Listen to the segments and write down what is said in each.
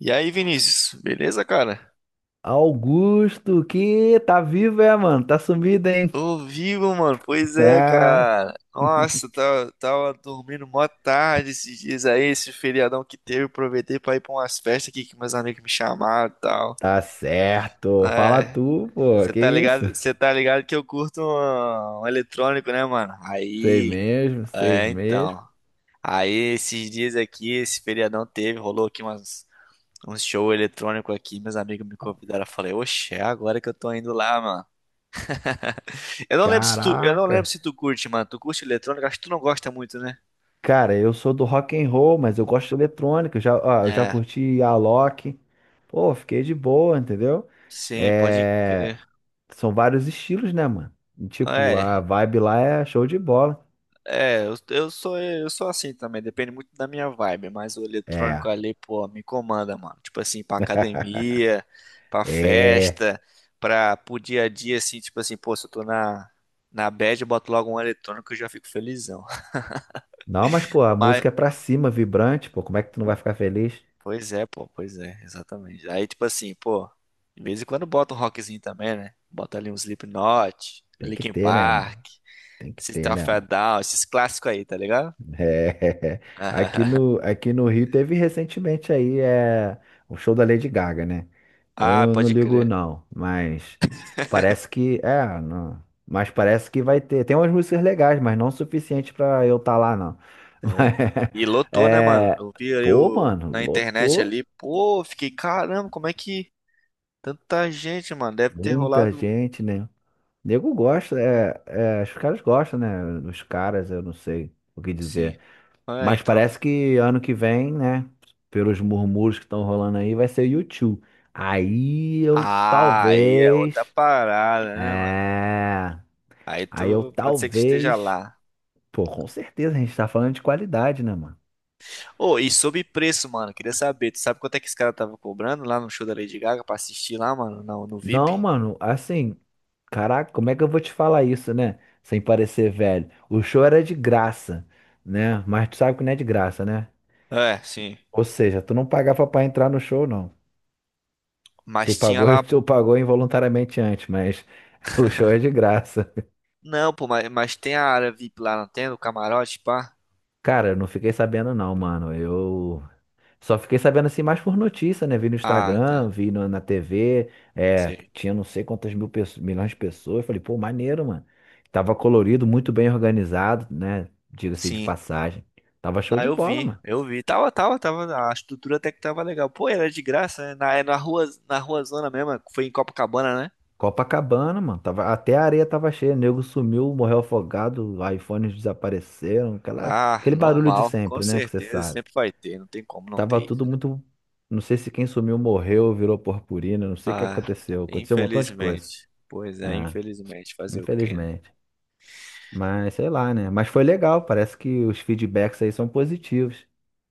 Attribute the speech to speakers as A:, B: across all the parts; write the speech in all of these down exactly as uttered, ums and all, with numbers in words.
A: E aí, Vinícius, beleza, cara?
B: Augusto, que tá vivo, é, mano? Tá sumido, hein?
A: Tô vivo, mano. Pois é,
B: Ah,
A: cara. Nossa, tava, tava dormindo mó tarde esses dias aí, esse feriadão que teve. Aproveitei pra ir pra umas festas aqui que meus amigos me chamaram e tal.
B: tá certo. Fala
A: É,
B: tu, pô.
A: você
B: Que
A: tá
B: isso?
A: ligado, você tá ligado que eu curto um, um eletrônico, né, mano?
B: Sei
A: Aí,
B: mesmo, sei
A: é,
B: mesmo.
A: então. Aí, esses dias aqui, esse feriadão teve, rolou aqui umas, um show eletrônico aqui. Meus amigos me convidaram. Eu falei, oxe, é agora que eu tô indo lá, mano. Eu não lembro se tu, eu não
B: Caraca.
A: lembro se tu curte, mano. Tu curte eletrônica, acho que tu não gosta muito, né?
B: Cara, eu sou do rock and roll, mas eu gosto de eletrônica. Eu já, ó, eu já
A: É,
B: curti Alok. Pô, fiquei de boa, entendeu?
A: sim, pode
B: É,
A: crer.
B: são vários estilos, né, mano? E, tipo, a
A: É,
B: vibe lá é show de bola.
A: é, eu, eu sou eu sou assim também, depende muito da minha vibe, mas o
B: É.
A: eletrônico ali, pô, me comanda, mano. Tipo assim, pra academia, pra
B: É.
A: festa, pra pro dia a dia assim, tipo assim, pô, se eu tô na na bad, eu boto logo um eletrônico e já fico felizão.
B: Não, mas, pô, a música é pra cima, vibrante, pô. Como é que tu não vai ficar feliz?
A: Pois é, pô, pois é, exatamente. Aí, tipo assim, pô, de vez em quando bota um rockzinho também, né? Bota ali um Slipknot,
B: Tem que
A: Linkin
B: ter, né, mano?
A: Park,
B: Tem que
A: System
B: ter, né,
A: of a
B: mano?
A: Down, esses clássicos aí, tá ligado?
B: É. Aqui no, aqui no Rio teve recentemente aí é, o show da Lady Gaga, né? Eu
A: Ah,
B: não, não
A: pode
B: ligo,
A: crer.
B: não, mas parece que. É, não, mas parece que vai ter. Tem umas músicas legais, mas não o suficiente pra eu estar lá, não.
A: É.
B: Mas,
A: E lotou, né, mano?
B: é,
A: Eu vi ali
B: pô,
A: o-
B: mano,
A: na internet
B: lotou
A: ali, pô, fiquei, caramba, como é que tanta gente, mano? Deve ter
B: muita
A: rolado.
B: gente, né? Nego gosta, é, é, os caras gostam, né? Dos caras, eu não sei o que
A: Sim.
B: dizer.
A: É,
B: Mas
A: então.
B: parece que ano que vem, né? Pelos murmúrios que estão rolando aí, vai ser o u Aí eu
A: Ah, aí é outra
B: talvez.
A: parada, né, mano?
B: É.
A: Aí
B: Aí eu
A: tu pode ser que esteja
B: talvez.
A: lá.
B: Pô, com certeza, a gente tá falando de qualidade, né, mano?
A: Ô, e sobre preço, mano, queria saber, tu sabe quanto é que esse cara tava cobrando lá no show da Lady Gaga pra assistir lá, mano, no, no
B: Não,
A: V I P?
B: mano, assim. Caraca, como é que eu vou te falar isso, né? Sem parecer velho. O show era de graça, né? Mas tu sabe que não é de graça, né?
A: É, sim.
B: Ou seja, tu não pagava pra entrar no show, não. Tu
A: Mas tinha
B: pagou,
A: lá.
B: tu pagou involuntariamente antes, mas o show é de graça.
A: Não, pô, mas, mas tem a área V I P lá, não tem? O camarote, pá?
B: Cara, eu não fiquei sabendo não, mano. Eu só fiquei sabendo assim mais por notícia, né? Vi no
A: Ah, tá.
B: Instagram, vi no- na T V, é,
A: Sei.
B: tinha não sei quantas mil pesso- milhões de pessoas. Falei, pô, maneiro, mano. Tava colorido, muito bem organizado, né? Diga-se de
A: Sim.
B: passagem. Tava show
A: Não,
B: de
A: eu
B: bola,
A: vi,
B: mano.
A: eu vi. Tava, tava, tava. A estrutura até que tava legal. Pô, era de graça, né? Na, é na rua, na rua Zona mesmo, foi em Copacabana, né?
B: Copacabana, mano. Tava, até a areia tava cheia. Nego sumiu, morreu afogado, iPhones desapareceram. Aquela,
A: Ah,
B: aquele barulho de
A: normal, com
B: sempre, né? Que você
A: certeza,
B: sabe.
A: sempre vai ter, não tem como não ter
B: Tava
A: isso.
B: tudo muito. Não sei se quem sumiu morreu, virou purpurina. Não sei o que
A: Ah,
B: aconteceu. Aconteceu um montão de coisa.
A: infelizmente. Pois é,
B: É,
A: infelizmente. Fazer o quê, né?
B: infelizmente. Mas sei lá, né? Mas foi legal. Parece que os feedbacks aí são positivos.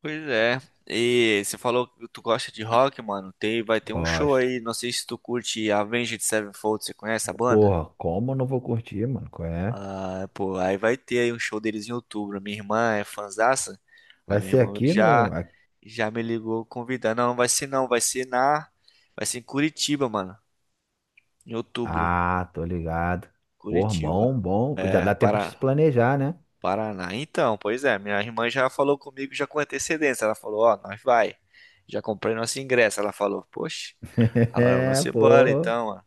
A: Pois é. E você falou que tu gosta de rock, mano. Tem, vai ter um show
B: Gosto.
A: aí. Não sei se tu curte Avenged Sevenfold. Você conhece a banda?
B: Porra, como eu não vou curtir, mano? Qual é?
A: Ah, pô, aí vai ter aí um show deles em outubro. Minha irmã é fanzaça. A
B: Vai
A: minha
B: ser
A: irmã
B: aqui no.
A: já já me ligou convidando. Não, não vai ser não, vai ser na vai ser em Curitiba, mano, em outubro.
B: Ah, tô ligado. Pô,
A: Curitiba.
B: bom, bom. Já
A: É,
B: dá tempo de se
A: Paraná.
B: planejar, né?
A: Paraná. Então, pois é, minha irmã já falou comigo já com antecedência. Ela falou, ó, nós vai. Já comprei nosso ingresso. Ela falou, poxa, ela,
B: É,
A: vamos embora
B: pô.
A: então, mano.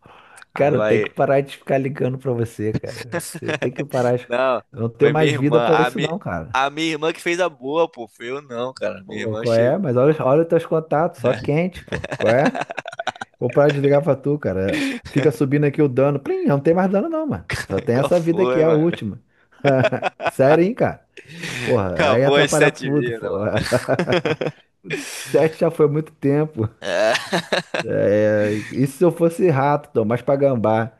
A: Aí
B: Cara, eu tenho que
A: vai.
B: parar de ficar ligando pra você, cara. Você tem que parar. de-
A: Não,
B: Eu não tenho
A: foi minha
B: mais vida
A: irmã.
B: pra
A: A,
B: isso,
A: mi...
B: não, cara.
A: a minha irmã que fez a boa, pô. Foi eu não, cara. Minha
B: Ô,
A: irmã
B: qual é?
A: chegou.
B: Mas olha, olha os teus contatos, só quente, pô. Qual é? Vou parar de ligar pra tu, cara. Fica subindo aqui o dano. Plim, não tem mais dano, não, mano. Só tem
A: Qual
B: essa vida aqui,
A: foi,
B: a
A: mano?
B: última. Sério, hein, cara? Porra, aí ia
A: Acabou as
B: atrapalhar
A: sete
B: tudo,
A: vidas,
B: pô.
A: mano.
B: Sete já foi muito tempo.
A: É,
B: É, isso se eu fosse rato, então, mas pra gambá,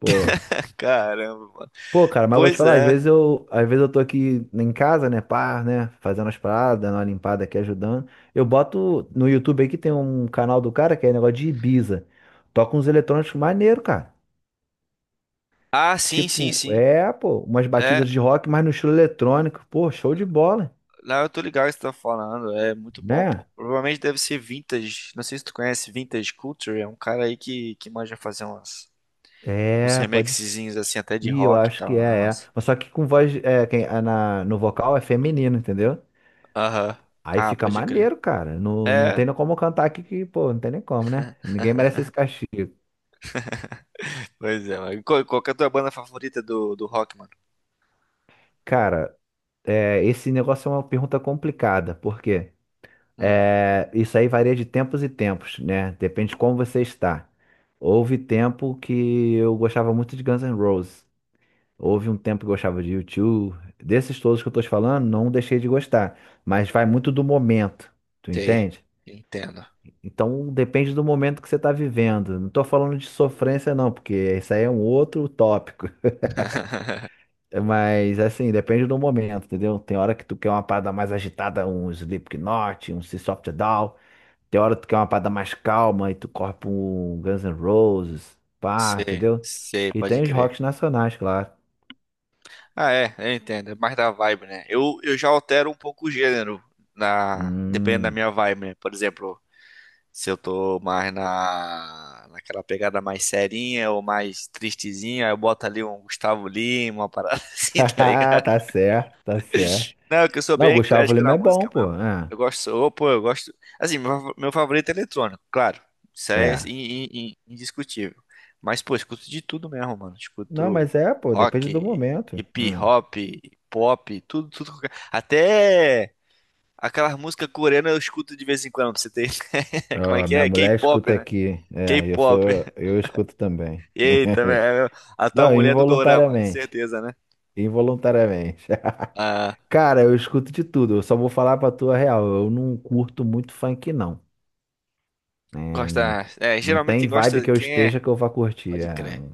B: pô.
A: caramba, mano.
B: Pô, cara, mas eu vou te
A: Pois
B: falar, às
A: é.
B: vezes eu, às vezes eu tô aqui em casa, né, pá, né, fazendo as paradas, dando uma limpada aqui, ajudando. Eu boto no YouTube aí que tem um canal do cara que é negócio de Ibiza. Toca uns eletrônicos maneiro, cara.
A: Ah, sim, sim,
B: Tipo,
A: sim.
B: é, pô, umas
A: É.
B: batidas de rock, mas no estilo eletrônico. Pô, show de bola,
A: Não, eu tô ligado o que você tá falando. É muito bom, pô.
B: né?
A: Provavelmente deve ser Vintage. Não sei se tu conhece Vintage Culture. É um cara aí que, que manja fazer umas, uns
B: É, pode ser.
A: remixezinhos assim, até de
B: Ih, eu
A: rock e
B: acho que
A: tal. Ah,
B: é, é.
A: mas...
B: Mas só que com voz, é, quem, é na, no vocal é feminino, entendeu?
A: Aham.
B: Aí
A: Ah,
B: fica
A: pode crer.
B: maneiro, cara. Não, não
A: É,
B: tem nem como cantar aqui que, pô, não tem nem como, né? Ninguém merece esse castigo.
A: pois é. mas Qual, qual que é a tua banda favorita do, do rock, mano?
B: Cara, é, esse negócio é uma pergunta complicada, porque
A: Hum,
B: é, isso aí varia de tempos e tempos, né? Depende de como você está. Houve tempo que eu gostava muito de Guns N' Roses. Houve um tempo que eu gostava de U two. Desses todos que eu tô te falando, não deixei de gostar. Mas vai muito do momento, tu
A: sei.
B: entende?
A: Entendo.
B: Então depende do momento que você está vivendo. Não estou falando de sofrência, não, porque isso aí é um outro tópico. É, Mas assim, depende do momento, entendeu? Tem hora que tu quer uma parada mais agitada, um Slipknot, um System of a Down. Tem hora que tu quer uma parada mais calma e tu corre pra um Guns N' Roses, pá,
A: Sei,
B: entendeu?
A: sei,
B: E
A: pode
B: tem os
A: crer.
B: rocks nacionais, claro.
A: Ah, é, eu entendo. É mais da vibe, né? Eu, eu já altero um pouco o gênero, na, dependendo da
B: Hum.
A: minha vibe, né? Por exemplo. Se eu tô mais na, naquela pegada mais serinha ou mais tristezinha, aí eu boto ali um Gustavo Lima, uma parada assim, tá ligado?
B: Tá certo, tá certo.
A: Não, é que eu sou
B: Não, o
A: bem
B: Gustavo
A: eclético
B: Lima
A: na
B: é bom,
A: música
B: pô.
A: mesmo.
B: É.
A: Eu gosto, ô, pô, eu gosto. Assim, meu, fa- meu favorito é eletrônico, claro. Isso é
B: É.
A: in- in- in- indiscutível. Mas, pô, eu escuto de tudo mesmo, mano.
B: Não,
A: Escuto
B: mas é, pô, depende do
A: rock,
B: momento.
A: hip
B: Hum.
A: hop, pop, tudo, tudo. qualquer- Até aquelas músicas coreanas eu escuto de vez em quando, pra você ter. Como é
B: Ó,
A: que
B: minha
A: é?
B: mulher
A: K-pop,
B: escuta
A: né?
B: aqui. É, eu
A: K-pop.
B: sou, eu escuto também.
A: Eita, velho. A tua
B: Não,
A: mulher é do Dorama,
B: involuntariamente.
A: certeza, né?
B: Involuntariamente.
A: Ah,
B: Cara, eu escuto de tudo. Eu só vou falar pra tua real. Eu não curto muito funk, não. É, n-
A: gosta. É,
B: não
A: geralmente
B: tem
A: quem
B: vibe
A: gosta.
B: que eu
A: Quem
B: esteja
A: é?
B: que eu vá curtir.
A: Pode
B: É,
A: crer.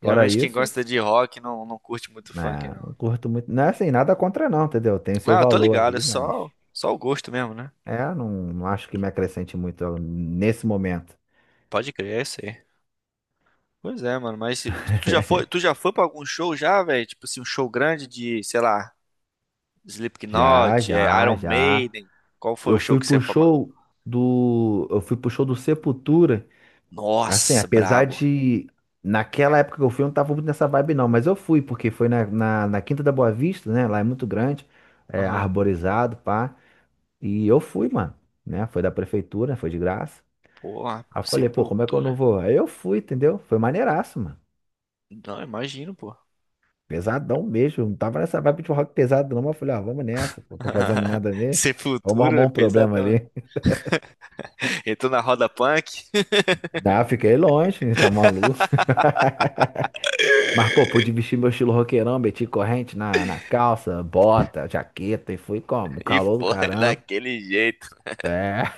B: fora
A: Geralmente quem
B: isso,
A: gosta de rock não, não curte muito funk,
B: né,
A: não.
B: não curto muito. Não é assim, nada contra não, entendeu? Tem seu
A: Não, eu tô
B: valor
A: ligado, é
B: aí, mas
A: só, só o gosto mesmo, né?
B: é, não, não acho que me acrescente muito nesse momento.
A: Pode crer, é isso aí. Pois é, mano, mas se- tu já foi, tu já foi pra algum show já, velho? Tipo assim, um show grande de, sei lá,
B: Já,
A: Slipknot, é,
B: já,
A: Iron
B: já.
A: Maiden. Qual foi
B: Eu
A: o show
B: fui
A: que você
B: pro
A: falou?
B: show do. Eu fui pro show do Sepultura. Assim,
A: Nossa,
B: apesar
A: brabo.
B: de. Naquela época que eu fui, eu não tava muito nessa vibe, não. Mas eu fui, porque foi na, na, na Quinta da Boa Vista, né? Lá é muito grande, é
A: Aham.
B: arborizado, pá. E eu fui, mano. Né? Foi da prefeitura, foi de graça.
A: Porra,
B: Aí eu falei, pô, como é que eu não
A: Sepultura.
B: vou? Aí eu fui, entendeu? Foi maneiraço, mano.
A: Não, imagino, pô.
B: Pesadão mesmo. Eu Não tava nessa vibe de rock pesado, não. Mas eu falei, ó, vamos nessa. Não tô fazendo nada mesmo.
A: Sem
B: Vamos
A: futuro,
B: arrumar
A: é
B: um problema
A: pesadão.
B: ali.
A: Entrou na roda punk
B: Ah, fiquei longe, tá maluco. Mas, pô, pude vestir meu estilo roqueirão, meti corrente na, na calça, bota, jaqueta e fui como?
A: e
B: Calor do
A: foi
B: caramba.
A: daquele jeito.
B: É,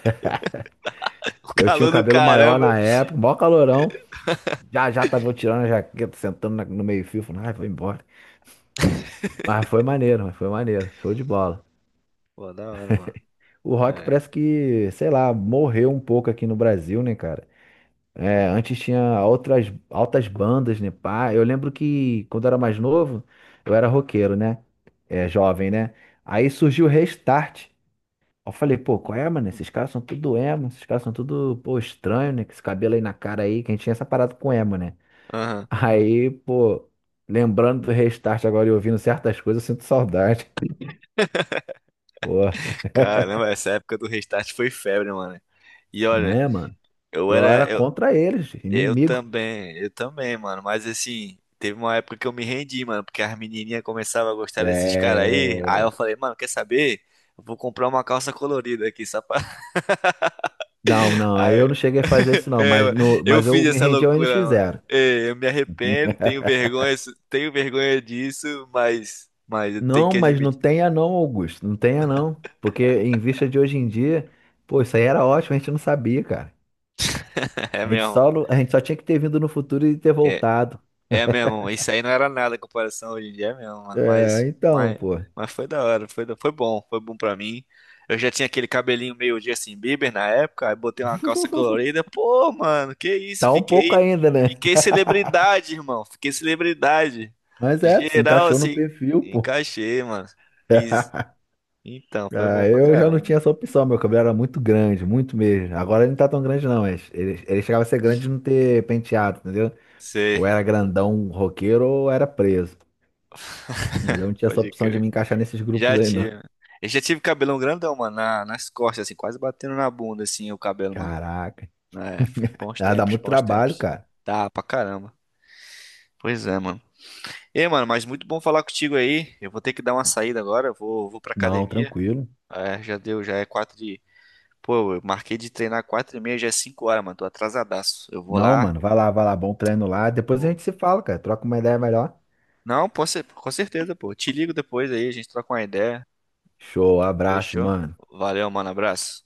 A: O
B: eu tinha o
A: calor do
B: cabelo maior
A: caramba.
B: na época, maior calorão. Já já tava eu tirando a jaqueta, sentando na- no meio-fio, falando, ai, vou embora. Mas foi maneiro, mas foi maneiro, show de bola.
A: Pô, da hora, mano.
B: O rock
A: É.
B: parece que, sei lá, morreu um pouco aqui no Brasil, né, cara? É, antes tinha outras altas bandas, né, pá? Eu lembro que quando eu era mais novo, eu era roqueiro, né? É, jovem, né? Aí surgiu o Restart. Eu falei, pô, qual é, mano? Esses caras são tudo emo, esses caras são tudo, pô, estranho, né? Com esse cabelo aí na cara aí, que a gente tinha essa parada com emo, né?
A: Aham.
B: Aí, pô, lembrando do restart agora e ouvindo certas coisas, eu sinto saudade. Pô,
A: Caramba, essa época do restart foi febre, mano. E olha,
B: né, mano?
A: eu
B: Eu
A: era.
B: era
A: Eu,
B: contra eles,
A: eu
B: inimigo.
A: também, eu também, mano. Mas assim, teve uma época que eu me rendi, mano, porque as menininhas começavam a gostar desses caras aí. Aí eu
B: É...
A: falei, mano, quer saber? Eu vou comprar uma calça colorida aqui, só pra.
B: Não, não,
A: Aí,
B: eu não cheguei a fazer isso não, mas,
A: é,
B: no,
A: eu
B: mas
A: fiz
B: eu me
A: essa
B: rendi ao
A: loucura, mano.
B: N X zero.
A: É, eu me arrependo, tenho vergonha, tenho vergonha disso, mas, mas eu tenho
B: Não,
A: que
B: mas não
A: admitir.
B: tenha não, Augusto, não tenha não. Porque em vista de hoje em dia, pô, isso aí era ótimo, a gente não sabia, cara.
A: É
B: A gente
A: mesmo.
B: só, não- a gente só tinha que ter vindo no futuro e ter
A: É,
B: voltado.
A: é mesmo. Isso aí não era nada em comparação hoje em dia, é mesmo, mano.
B: É,
A: Mas,
B: então,
A: mas,
B: pô.
A: mas foi da hora, foi, da- foi bom, foi bom pra mim. Eu já tinha aquele cabelinho meio Justin Bieber na época, aí botei uma calça colorida. Pô, mano, que isso?
B: Tá um pouco
A: Fiquei,
B: ainda, né?
A: fiquei celebridade, irmão. Fiquei celebridade.
B: Mas é, se
A: Geral,
B: encaixou no
A: assim,
B: perfil, pô.
A: encaixei, mano. Fiz. Então, foi
B: Ah,
A: bom pra
B: eu já não tinha
A: caramba.
B: essa opção, meu cabelo era muito grande, muito mesmo. Agora ele não tá tão grande, não, mas ele, ele chegava a ser grande de não ter penteado, entendeu?
A: Sei,
B: Ou era grandão roqueiro ou era preso. Mas eu não tinha essa
A: pode
B: opção de
A: crer.
B: me encaixar nesses grupos
A: Já
B: aí, não.
A: tive. Eu já tive cabelão grandão, mano, na- nas costas, assim, quase batendo na bunda, assim, o cabelo, mano.
B: Caraca.
A: É, foi bons
B: Ah, dá
A: tempos,
B: muito
A: bons
B: trabalho,
A: tempos.
B: cara.
A: Tá, pra caramba. Pois é, mano. Ei, mano, mas muito bom falar contigo aí. Eu vou ter que dar uma saída agora, eu vou, vou pra
B: Não,
A: academia.
B: tranquilo.
A: É, já deu, já é quatro de... Pô, eu marquei de treinar quatro e meia, já é cinco horas, mano, tô atrasadaço. Eu vou
B: Não,
A: lá,
B: mano, vai lá, vai lá, bom treino
A: vou...
B: lá. Depois a
A: vou-
B: gente se fala, cara. Troca uma ideia melhor.
A: não, pô, ce- com certeza, pô. Te ligo depois aí, a gente troca uma ideia.
B: Show, abraço,
A: Fechou?
B: mano.
A: Valeu, mano. Abraço.